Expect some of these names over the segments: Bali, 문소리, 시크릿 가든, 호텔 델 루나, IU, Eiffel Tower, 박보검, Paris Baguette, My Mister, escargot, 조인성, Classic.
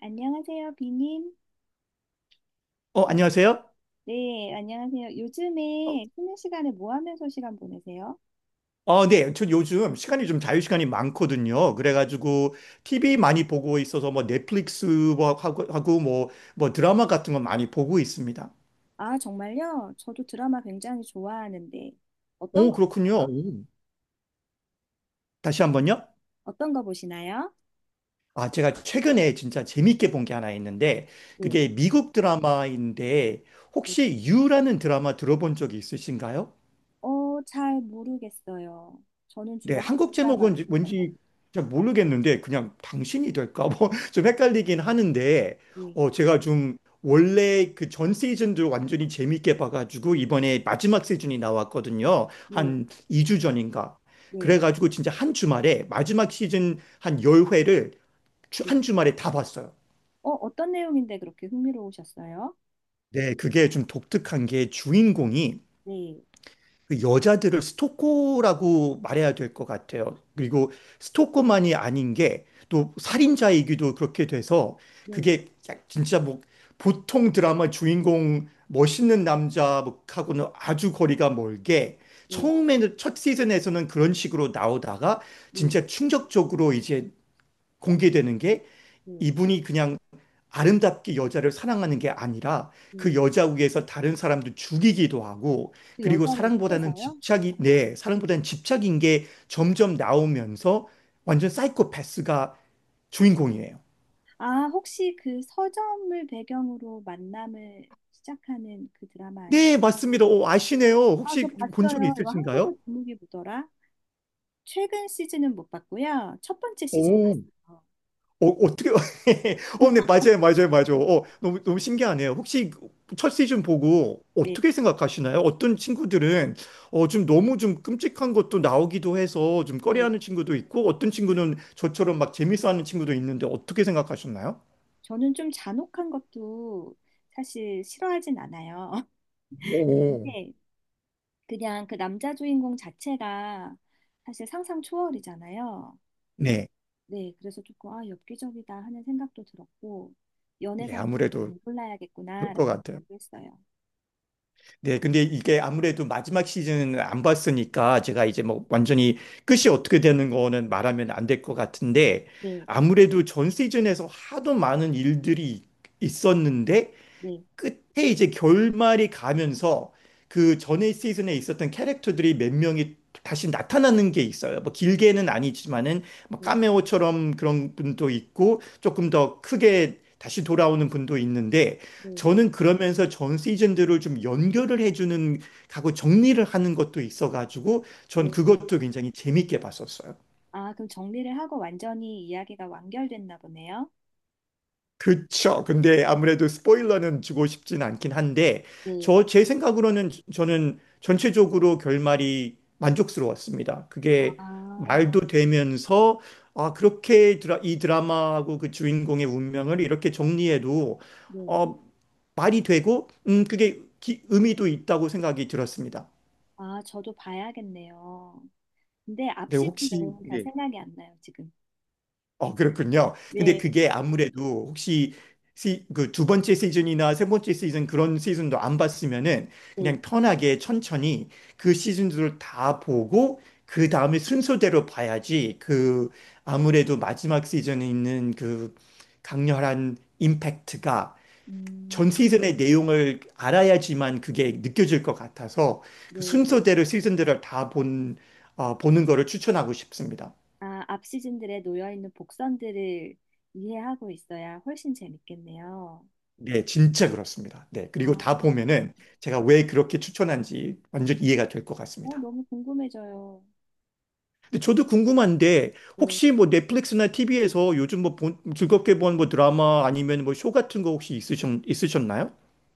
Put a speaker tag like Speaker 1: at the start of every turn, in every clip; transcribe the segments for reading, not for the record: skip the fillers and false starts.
Speaker 1: 안녕하세요, 비님. 요-
Speaker 2: 안녕하세요?
Speaker 1: 네, 안녕하세요.
Speaker 2: 어,
Speaker 1: 요즘에 쉬는 시간에 뭐 하면서 시간 보내세요?
Speaker 2: 네. 저 요즘 시간이 좀 자유시간이 많거든요. 그래가지고 TV 많이 보고 있어서 뭐 넷플릭스 뭐 하고 뭐 드라마 같은 거 많이 보고 있습니다.
Speaker 1: 아, 정말요? 저도 드라마 굉장히 좋아하는데 어떤
Speaker 2: 오,
Speaker 1: 거
Speaker 2: 그렇군요.
Speaker 1: 보세요?
Speaker 2: 오. 다시 한번요.
Speaker 1: 어떤 거 보시나요?
Speaker 2: 아, 제가 최근에 진짜 재밌게 본 게 하나 있는데
Speaker 1: 네.
Speaker 2: 그게 미국 드라마인데
Speaker 1: 네.
Speaker 2: 혹시 유라는 드라마 들어본 적이 있으신가요?
Speaker 1: 잘 모르겠어요. 저는
Speaker 2: 네,
Speaker 1: 주로
Speaker 2: 한국
Speaker 1: 한국
Speaker 2: 제목은
Speaker 1: 드라마를 봐요.
Speaker 2: 뭔지 잘 모르겠는데 그냥 당신이 될까 뭐 좀 헷갈리긴 하는데
Speaker 1: 네,
Speaker 2: 제가 좀 원래 그 전 시즌도 완전히 재밌게 봐가지고 이번에 마지막 시즌이 나왔거든요.
Speaker 1: 네.
Speaker 2: 한 2주 전인가.
Speaker 1: 네.
Speaker 2: 그래가지고 진짜 한 주말에 마지막 시즌 한 10회를
Speaker 1: 네.
Speaker 2: 한 주말에 다 봤어요.
Speaker 1: 어떤 내용인데 그렇게 흥미로우셨어요?
Speaker 2: 네, 그게 좀 독특한 게 주인공이
Speaker 1: 네.
Speaker 2: 그 여자들을 스토커라고 말해야 될 것 같아요. 그리고 스토커만이 아닌 게 또 살인자이기도 그렇게 돼서
Speaker 1: 네.
Speaker 2: 그게 진짜 뭐 보통 드라마 주인공 멋있는 남자하고는 아주 거리가 멀게
Speaker 1: 네.
Speaker 2: 처음에는 첫 시즌에서는 그런 식으로 나오다가
Speaker 1: 네.
Speaker 2: 진짜 충격적으로 이제 공개되는 게
Speaker 1: 네.
Speaker 2: 이분이 그냥 아름답게 여자를 사랑하는 게 아니라 그
Speaker 1: 네.
Speaker 2: 여자 위에서 다른 사람도 죽이기도 하고
Speaker 1: 그
Speaker 2: 그리고
Speaker 1: 여자를
Speaker 2: 사랑보다는
Speaker 1: 해서요?
Speaker 2: 집착이 네, 사랑보다는 집착인 게 점점 나오면서 완전 사이코패스가 주인공이에요.
Speaker 1: 아, 혹시 그 서점을 배경으로 만남을 시작하는 그 드라마 아닌가?
Speaker 2: 네, 맞습니다. 오, 아시네요.
Speaker 1: 아,
Speaker 2: 혹시
Speaker 1: 저
Speaker 2: 본 적이
Speaker 1: 봤어요. 이거
Speaker 2: 있으신가요?
Speaker 1: 한국어 제목이 뭐더라? 최근 시즌은 못 봤고요. 첫 번째 시즌
Speaker 2: 오,
Speaker 1: 봤어요.
Speaker 2: 어떻게, 네, 맞아요, 맞아요, 맞아요. 너무, 너무 신기하네요. 혹시 첫 시즌 보고
Speaker 1: 네,
Speaker 2: 어떻게 생각하시나요? 어떤 친구들은, 좀 너무 좀 끔찍한 것도 나오기도 해서 좀
Speaker 1: 네.
Speaker 2: 꺼려하는 친구도 있고, 어떤 친구는 저처럼 막 재밌어하는 친구도 있는데 어떻게 생각하셨나요?
Speaker 1: 저는 좀 잔혹한 것도 사실 싫어하진 않아요.
Speaker 2: 오,
Speaker 1: 그런데 그냥 그 남자 주인공 자체가 사실 상상 초월이잖아요.
Speaker 2: 네.
Speaker 1: 네, 그래서 조금 아, 엽기적이다 하는 생각도 들었고
Speaker 2: 네,
Speaker 1: 연애상도
Speaker 2: 아무래도
Speaker 1: 잘
Speaker 2: 그럴
Speaker 1: 골라야겠구나라는
Speaker 2: 것 같아요.
Speaker 1: 생각도 했어요.
Speaker 2: 네, 근데 이게 아무래도 마지막 시즌은 안 봤으니까 제가 이제 뭐 완전히 끝이 어떻게 되는 거는 말하면 안 될 것 같은데
Speaker 1: 네.
Speaker 2: 아무래도 전 시즌에서 하도 많은 일들이 있었는데
Speaker 1: 네,
Speaker 2: 끝에 이제 결말이 가면서 그 전에 시즌에 있었던 캐릭터들이 몇 명이 다시 나타나는 게 있어요. 뭐 길게는 아니지만은 뭐
Speaker 1: 네,
Speaker 2: 카메오처럼 그런 분도 있고 조금 더 크게 다시 돌아오는 분도 있는데 저는 그러면서 전 시즌들을 좀 연결을 해주는 하고 정리를 하는 것도 있어가지고 전
Speaker 1: 네, 네.
Speaker 2: 그것도 굉장히 재밌게 봤었어요.
Speaker 1: 아, 그럼 정리를 하고 완전히 이야기가 완결됐나 보네요.
Speaker 2: 그쵸. 근데 아무래도 스포일러는 주고 싶진 않긴 한데,
Speaker 1: 네.
Speaker 2: 제 생각으로는 저는 전체적으로 결말이 만족스러웠습니다. 그게
Speaker 1: 아,
Speaker 2: 말도 되면서, 아, 그렇게 이 드라마하고 그 주인공의 운명을 이렇게 정리해도,
Speaker 1: 네.
Speaker 2: 어, 말이 되고, 그게 의미도 있다고 생각이 들었습니다.
Speaker 1: 아, 저도 봐야겠네요. 근데 앞
Speaker 2: 네,
Speaker 1: 시즌
Speaker 2: 혹시,
Speaker 1: 내용은 잘
Speaker 2: 네.
Speaker 1: 생각이 안 나요, 지금.
Speaker 2: 그렇군요. 근데
Speaker 1: 네,
Speaker 2: 그게 아무래도 혹시 그 두 번째 시즌이나 세 번째 시즌 그런 시즌도 안 봤으면은
Speaker 1: 네.
Speaker 2: 그냥 편하게 천천히 그 시즌들을 다 보고 그 다음에 순서대로 봐야지 그 아무래도 마지막 시즌에 있는 그 강렬한 임팩트가
Speaker 1: 음,
Speaker 2: 전 시즌의 내용을 알아야지만 그게 느껴질 것 같아서 그
Speaker 1: 네.
Speaker 2: 순서대로 시즌들을 다 본, 보는 거를 추천하고 싶습니다.
Speaker 1: 아, 앞 시즌들에 놓여 있는 복선들을 이해하고 있어야 훨씬 재밌겠네요.
Speaker 2: 네, 진짜 그렇습니다. 네, 그리고
Speaker 1: 아,
Speaker 2: 다 보면은 제가 왜 그렇게 추천한지 완전 이해가 될 것 같습니다.
Speaker 1: 너무 궁금해져요.
Speaker 2: 근데 저도 궁금한데
Speaker 1: 네.
Speaker 2: 혹시 뭐 넷플릭스나 TV에서 요즘 뭐 본, 즐겁게 본 뭐 드라마 아니면 뭐 쇼 같은 거 혹시 있으셨, 있으셨나요?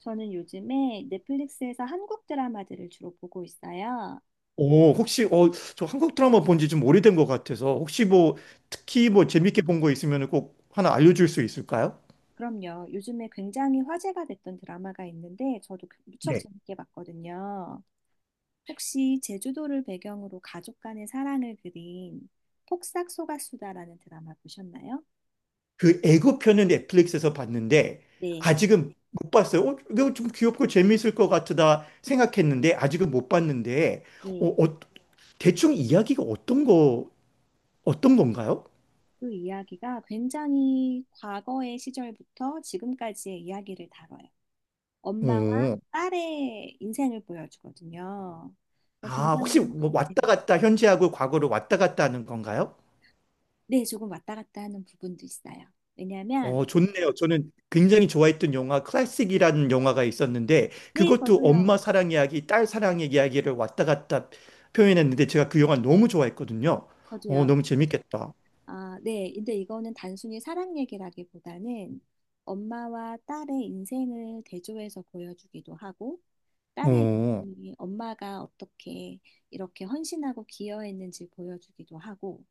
Speaker 1: 저는 요즘에 넷플릭스에서 한국 드라마들을 주로 보고 있어요.
Speaker 2: 오, 혹시 저 한국 드라마 본지 좀 오래된 것 같아서 혹시 뭐 특히 뭐 재밌게 본 거 있으면 꼭 하나 알려줄 수 있을까요?
Speaker 1: 그럼요. 요즘에 굉장히 화제가 됐던 드라마가 있는데 저도 그 무척 재밌게 봤거든요. 혹시 제주도를 배경으로 가족 간의 사랑을 그린 폭삭 소가수다라는 드라마 보셨나요?
Speaker 2: 그애고편은 넷플릭스에서 봤는데
Speaker 1: 네,
Speaker 2: 아직은 못 봤어요. 이거 좀 귀엽고 재밌을 것 같다 생각했는데 아직은 못 봤는데 어,
Speaker 1: 네.
Speaker 2: 어, 대충 이야기가 어떤 건가요?
Speaker 1: 그 이야기가 굉장히 과거의 시절부터 지금까지의 이야기를 다뤄요. 엄마와
Speaker 2: 오.
Speaker 1: 딸의 인생을 보여주거든요. 어,
Speaker 2: 아, 혹시
Speaker 1: 굉장히
Speaker 2: 뭐
Speaker 1: 네,
Speaker 2: 왔다 갔다 현재하고 과거로 왔다 갔다 하는 건가요?
Speaker 1: 네, 조금 왔다 갔다 하는 부분도 있어요. 왜냐하면
Speaker 2: 좋네요. 저는 굉장히 좋아했던 영화 클래식이라는 영화가 있었는데
Speaker 1: 네,
Speaker 2: 그것도 엄마
Speaker 1: 저도요.
Speaker 2: 사랑 이야기, 딸 사랑 의 이야기를 왔다 갔다 표현했는데 제가 그 영화 너무 좋아했거든요.
Speaker 1: 저도요.
Speaker 2: 너무 재밌겠다.
Speaker 1: 아, 네. 근데 이거는 단순히 사랑 얘기라기보다는 엄마와 딸의 인생을 대조해서 보여주기도 하고, 딸의
Speaker 2: 어,
Speaker 1: 인생이 엄마가 어떻게 이렇게 헌신하고 기여했는지 보여주기도 하고,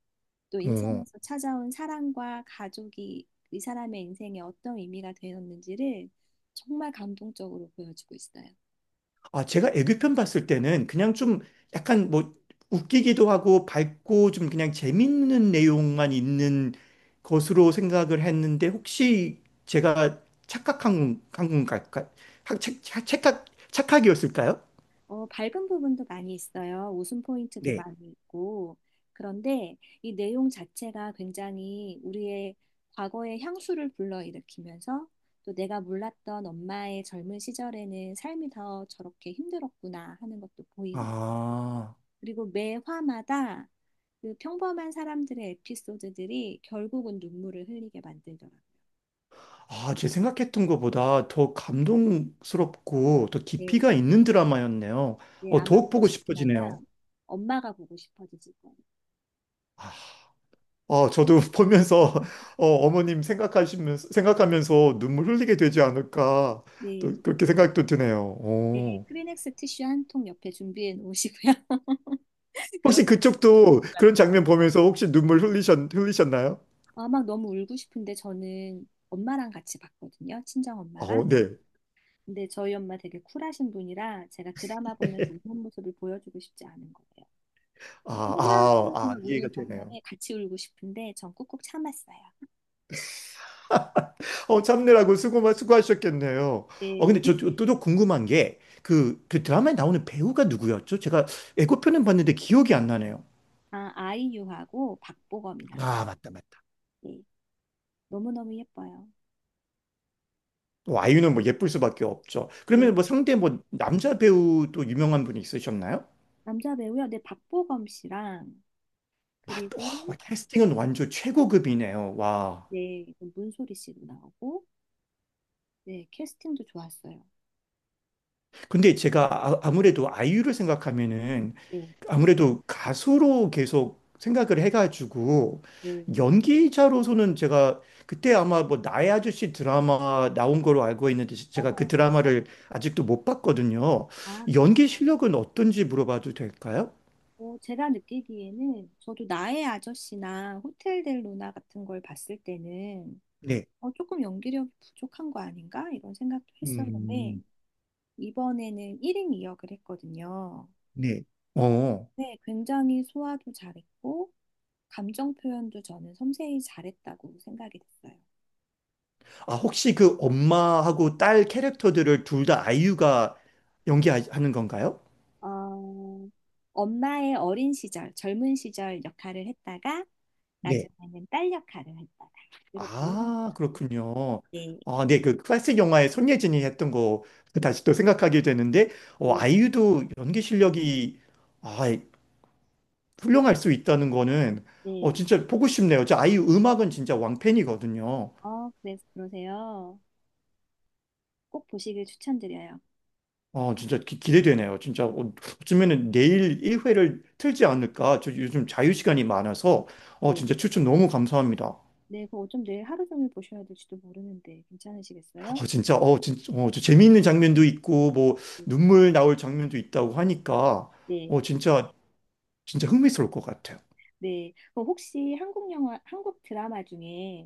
Speaker 1: 또
Speaker 2: 어.
Speaker 1: 인생에서 찾아온 사랑과 가족이 이 사람의 인생에 어떤 의미가 되었는지를 정말 감동적으로 보여주고 있어요.
Speaker 2: 아, 제가 애교편 봤을 때는 그냥 좀 약간 뭐 웃기기도 하고 밝고 좀 그냥 재밌는 내용만 있는 것으로 생각을 했는데 혹시 제가 착각한 한 건가? 착각, 착각이었을까요?
Speaker 1: 밝은 부분도 많이 있어요. 웃음 포인트도
Speaker 2: 네.
Speaker 1: 많이 있고. 그런데 이 내용 자체가 굉장히 우리의 과거의 향수를 불러일으키면서 또 내가 몰랐던 엄마의 젊은 시절에는 삶이 더 저렇게 힘들었구나 하는 것도 보이면 서
Speaker 2: 아,
Speaker 1: 그리고 매 화마다 그 평범한 사람들의 에피소드들이 결국은 눈물을 흘리게 만들더라고요.
Speaker 2: 아, 제 생각했던 것보다 더 감동스럽고 더
Speaker 1: 네,
Speaker 2: 깊이가 있는 드라마였네요.
Speaker 1: 네, 아마
Speaker 2: 더욱 보고
Speaker 1: 보시고
Speaker 2: 싶어지네요.
Speaker 1: 나면 엄마가 보고 싶어지실 거예요.
Speaker 2: 저도 보면서 어머님 생각하시면서 생각하면서 눈물 흘리게 되지 않을까 또
Speaker 1: 네.
Speaker 2: 그렇게 생각도 드네요.
Speaker 1: 네,
Speaker 2: 어.
Speaker 1: 크리넥스 티슈 한 통 옆에 준비해 놓으시고요.
Speaker 2: 혹시
Speaker 1: 그러고
Speaker 2: 그쪽도 그런 장면 보면서 혹시 눈물 흘리셨 흘리셨나요?
Speaker 1: 아, 막 너무 울고 싶은데 저는 엄마랑 같이 봤거든요. 친정 엄마랑.
Speaker 2: 어, 네.
Speaker 1: 근데 저희 엄마 되게 쿨하신 분이라 제가 드라마 보면서 우는 모습을 보여주고 싶지 않은 거예요.
Speaker 2: 아,
Speaker 1: 엄마
Speaker 2: 아, 아,
Speaker 1: 하고
Speaker 2: 이해가
Speaker 1: 우는
Speaker 2: 되네요.
Speaker 1: 장면에 같이 울고 싶은데 전 꾹꾹 참았어요.
Speaker 2: 참느라고 수고 수고하셨겠네요. 근데
Speaker 1: 네.
Speaker 2: 저또 궁금한 게 그 드라마에 나오는 배우가 누구였죠? 제가 예고편은 봤는데 기억이 안 나네요.
Speaker 1: 아, 아이유하고 박보검이 나와요.
Speaker 2: 아, 맞다, 맞다.
Speaker 1: 네. 너무너무 예뻐요.
Speaker 2: 또 아이유는 뭐 예쁠 수밖에 없죠.
Speaker 1: 네.
Speaker 2: 그러면 뭐 상대 뭐 남자 배우 또 유명한 분이 있으셨나요?
Speaker 1: 남자 배우요. 네, 박보검 씨랑
Speaker 2: 아, 와,
Speaker 1: 그리고
Speaker 2: 와, 캐스팅은 완전 최고급이네요. 와.
Speaker 1: 네, 그럼 문소리 씨도 나오고, 네, 캐스팅도 좋았어요.
Speaker 2: 근데 제가 아무래도 아이유를 생각하면은
Speaker 1: 네,
Speaker 2: 아무래도 가수로 계속 생각을 해가지고
Speaker 1: 네,
Speaker 2: 연기자로서는 제가 그때 아마 뭐 나의 아저씨 드라마 나온 걸로 알고 있는데 제가 그
Speaker 1: 맞아요.
Speaker 2: 드라마를 아직도 못 봤거든요.
Speaker 1: 아,
Speaker 2: 연기 실력은 어떤지 물어봐도 될까요?
Speaker 1: 또 제가 느끼기에는 저도 나의 아저씨나 호텔 델 루나 같은 걸 봤을 때는
Speaker 2: 네.
Speaker 1: 조금 연기력이 부족한 거 아닌가? 이런 생각도 했었는데,
Speaker 2: 음,
Speaker 1: 이번에는 1인 이역을 했거든요.
Speaker 2: 네. 어.
Speaker 1: 네, 굉장히 소화도 잘했고, 감정 표현도 저는 섬세히 잘했다고 생각이 됐어요.
Speaker 2: 아, 혹시 그 엄마하고 딸 캐릭터들을 둘 다 아이유가 연기하는 건가요?
Speaker 1: 어, 엄마의 어린 시절, 젊은 시절 역할을 했다가
Speaker 2: 네.
Speaker 1: 나중에는 딸 역할을 했다가 이렇게 이름-
Speaker 2: 아, 그렇군요.
Speaker 1: 네,
Speaker 2: 아, 네, 그 클래식 영화에 손예진이 했던 거 그 다시 또 생각하게 되는데,
Speaker 1: 네,
Speaker 2: 아이유도 연기 실력이 아, 훌륭할 수 있다는 거는
Speaker 1: 네.
Speaker 2: 진짜 보고 싶네요. 저 아이유 음악은 진짜 왕팬이거든요.
Speaker 1: 그래서 그러세요. 꼭 보시길 추천드려요.
Speaker 2: 진짜 대되네요 진짜 어쩌면은 내일 1회를 틀지 않을까. 저 요즘 자유 시간이 많아서
Speaker 1: 네,
Speaker 2: 진짜 추천 너무 감사합니다.
Speaker 1: 네, 그거 좀 내일 하루 종일 보셔야 될지도 모르는데 괜찮으시겠어요?
Speaker 2: 진짜, 진짜, 저 재미있는 장면도 있고, 뭐,
Speaker 1: 네,
Speaker 2: 눈물 나올 장면도 있다고 하니까,
Speaker 1: 네.
Speaker 2: 진짜, 진짜 흥미스러울 것 같아요.
Speaker 1: 네. 그럼 혹시 한국 영화, 한국 드라마 중에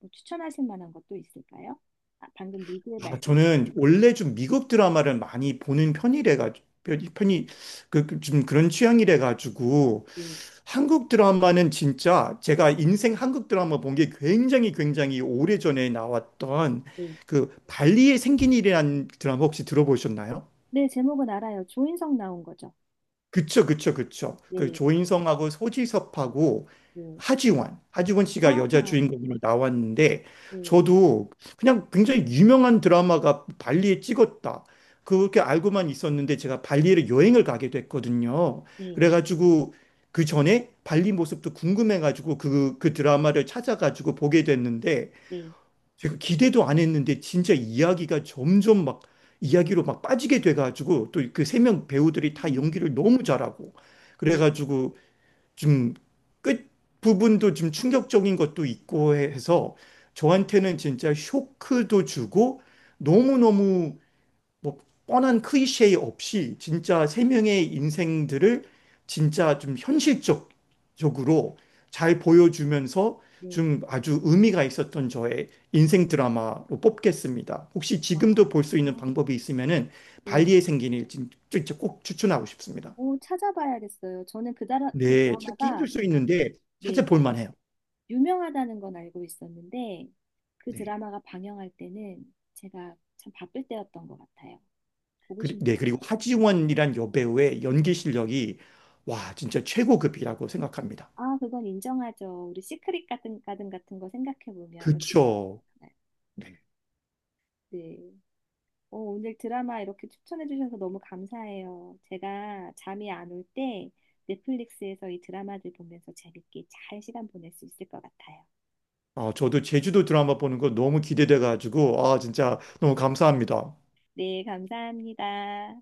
Speaker 1: 뭐 추천하실 만한 것도 있을까요? 아, 방금 미드에
Speaker 2: 아,
Speaker 1: 말씀,
Speaker 2: 저는 원래 좀 미국 드라마를 많이 보는 편이래가지고, 좀 그런 취향이래가지고,
Speaker 1: 네,
Speaker 2: 한국 드라마는 진짜 제가 인생 한국 드라마 본 게 굉장히 굉장히 오래전에 나왔던
Speaker 1: 네.
Speaker 2: 그 발리에 생긴 일이라는 드라마 혹시 들어보셨나요?
Speaker 1: 네, 제목은 알아요. 조인성 나온 거죠.
Speaker 2: 그쵸, 그쵸, 그쵸. 그
Speaker 1: 네,
Speaker 2: 조인성하고 소지섭하고
Speaker 1: 네.
Speaker 2: 하지원
Speaker 1: 아,
Speaker 2: 씨가 여자 주인공으로 나왔는데,
Speaker 1: 네,
Speaker 2: 저도 그냥 굉장히 유명한 드라마가 발리에 찍었다. 그렇게 알고만 있었는데, 제가 발리에 여행을 가게 됐거든요.
Speaker 1: 네,
Speaker 2: 그래가지고, 그 전에 발리 모습도 궁금해가지고, 그, 그 드라마를 찾아가지고 보게 됐는데,
Speaker 1: 네,
Speaker 2: 제가 기대도 안 했는데 진짜 이야기가 점점 막 이야기로 막 빠지게 돼가지고 또 그 세 명 배우들이 다
Speaker 1: 음,
Speaker 2: 연기를 너무 잘하고
Speaker 1: 네,
Speaker 2: 그래가지고 좀 끝 부분도 좀 충격적인 것도 있고 해서 저한테는 진짜 쇼크도 주고 너무너무 뭐 뻔한 클리셰 없이
Speaker 1: 네,
Speaker 2: 진짜 세 명의 인생들을 진짜 좀 현실적적으로 잘 보여주면서
Speaker 1: 네.
Speaker 2: 좀 아주 의미가 있었던 저의 인생 드라마로 뽑겠습니다. 혹시
Speaker 1: 아,
Speaker 2: 지금도 볼 수 있는 방법이 있으면은
Speaker 1: 네.
Speaker 2: 발리에 생긴 일 진짜 꼭 추천하고 싶습니다.
Speaker 1: 오, 찾아봐야겠어요. 저는 그
Speaker 2: 네, 찾기
Speaker 1: 드라마가,
Speaker 2: 힘들 수 있는데
Speaker 1: 네,
Speaker 2: 찾아볼 만해요.
Speaker 1: 유명하다는 건 알고 있었는데, 그
Speaker 2: 네.
Speaker 1: 드라마가 방영할 때는 제가 참 바쁠 때였던 것 같아요. 보고
Speaker 2: 그리, 네,
Speaker 1: 싶네요.
Speaker 2: 그리고 하지원이란 여배우의 연기 실력이 와, 진짜 최고급이라고 생각합니다.
Speaker 1: 아, 그건 인정하죠. 우리 시크릿 가든 같은 거 생각해보면 여기가.
Speaker 2: 그쵸.
Speaker 1: 많아요. 네. 어, 오늘 드라마 이렇게 추천해 주셔서 너무 감사해요. 제가 잠이 안 올 때 넷플릭스에서 이 드라마를 보면서 재밌게 잘 시간 보낼 수 있을 것 같아요.
Speaker 2: 아, 저도 제주도 드라마 보는 거 너무 기대돼가지고, 아, 진짜 너무 감사합니다.
Speaker 1: 네, 감사합니다.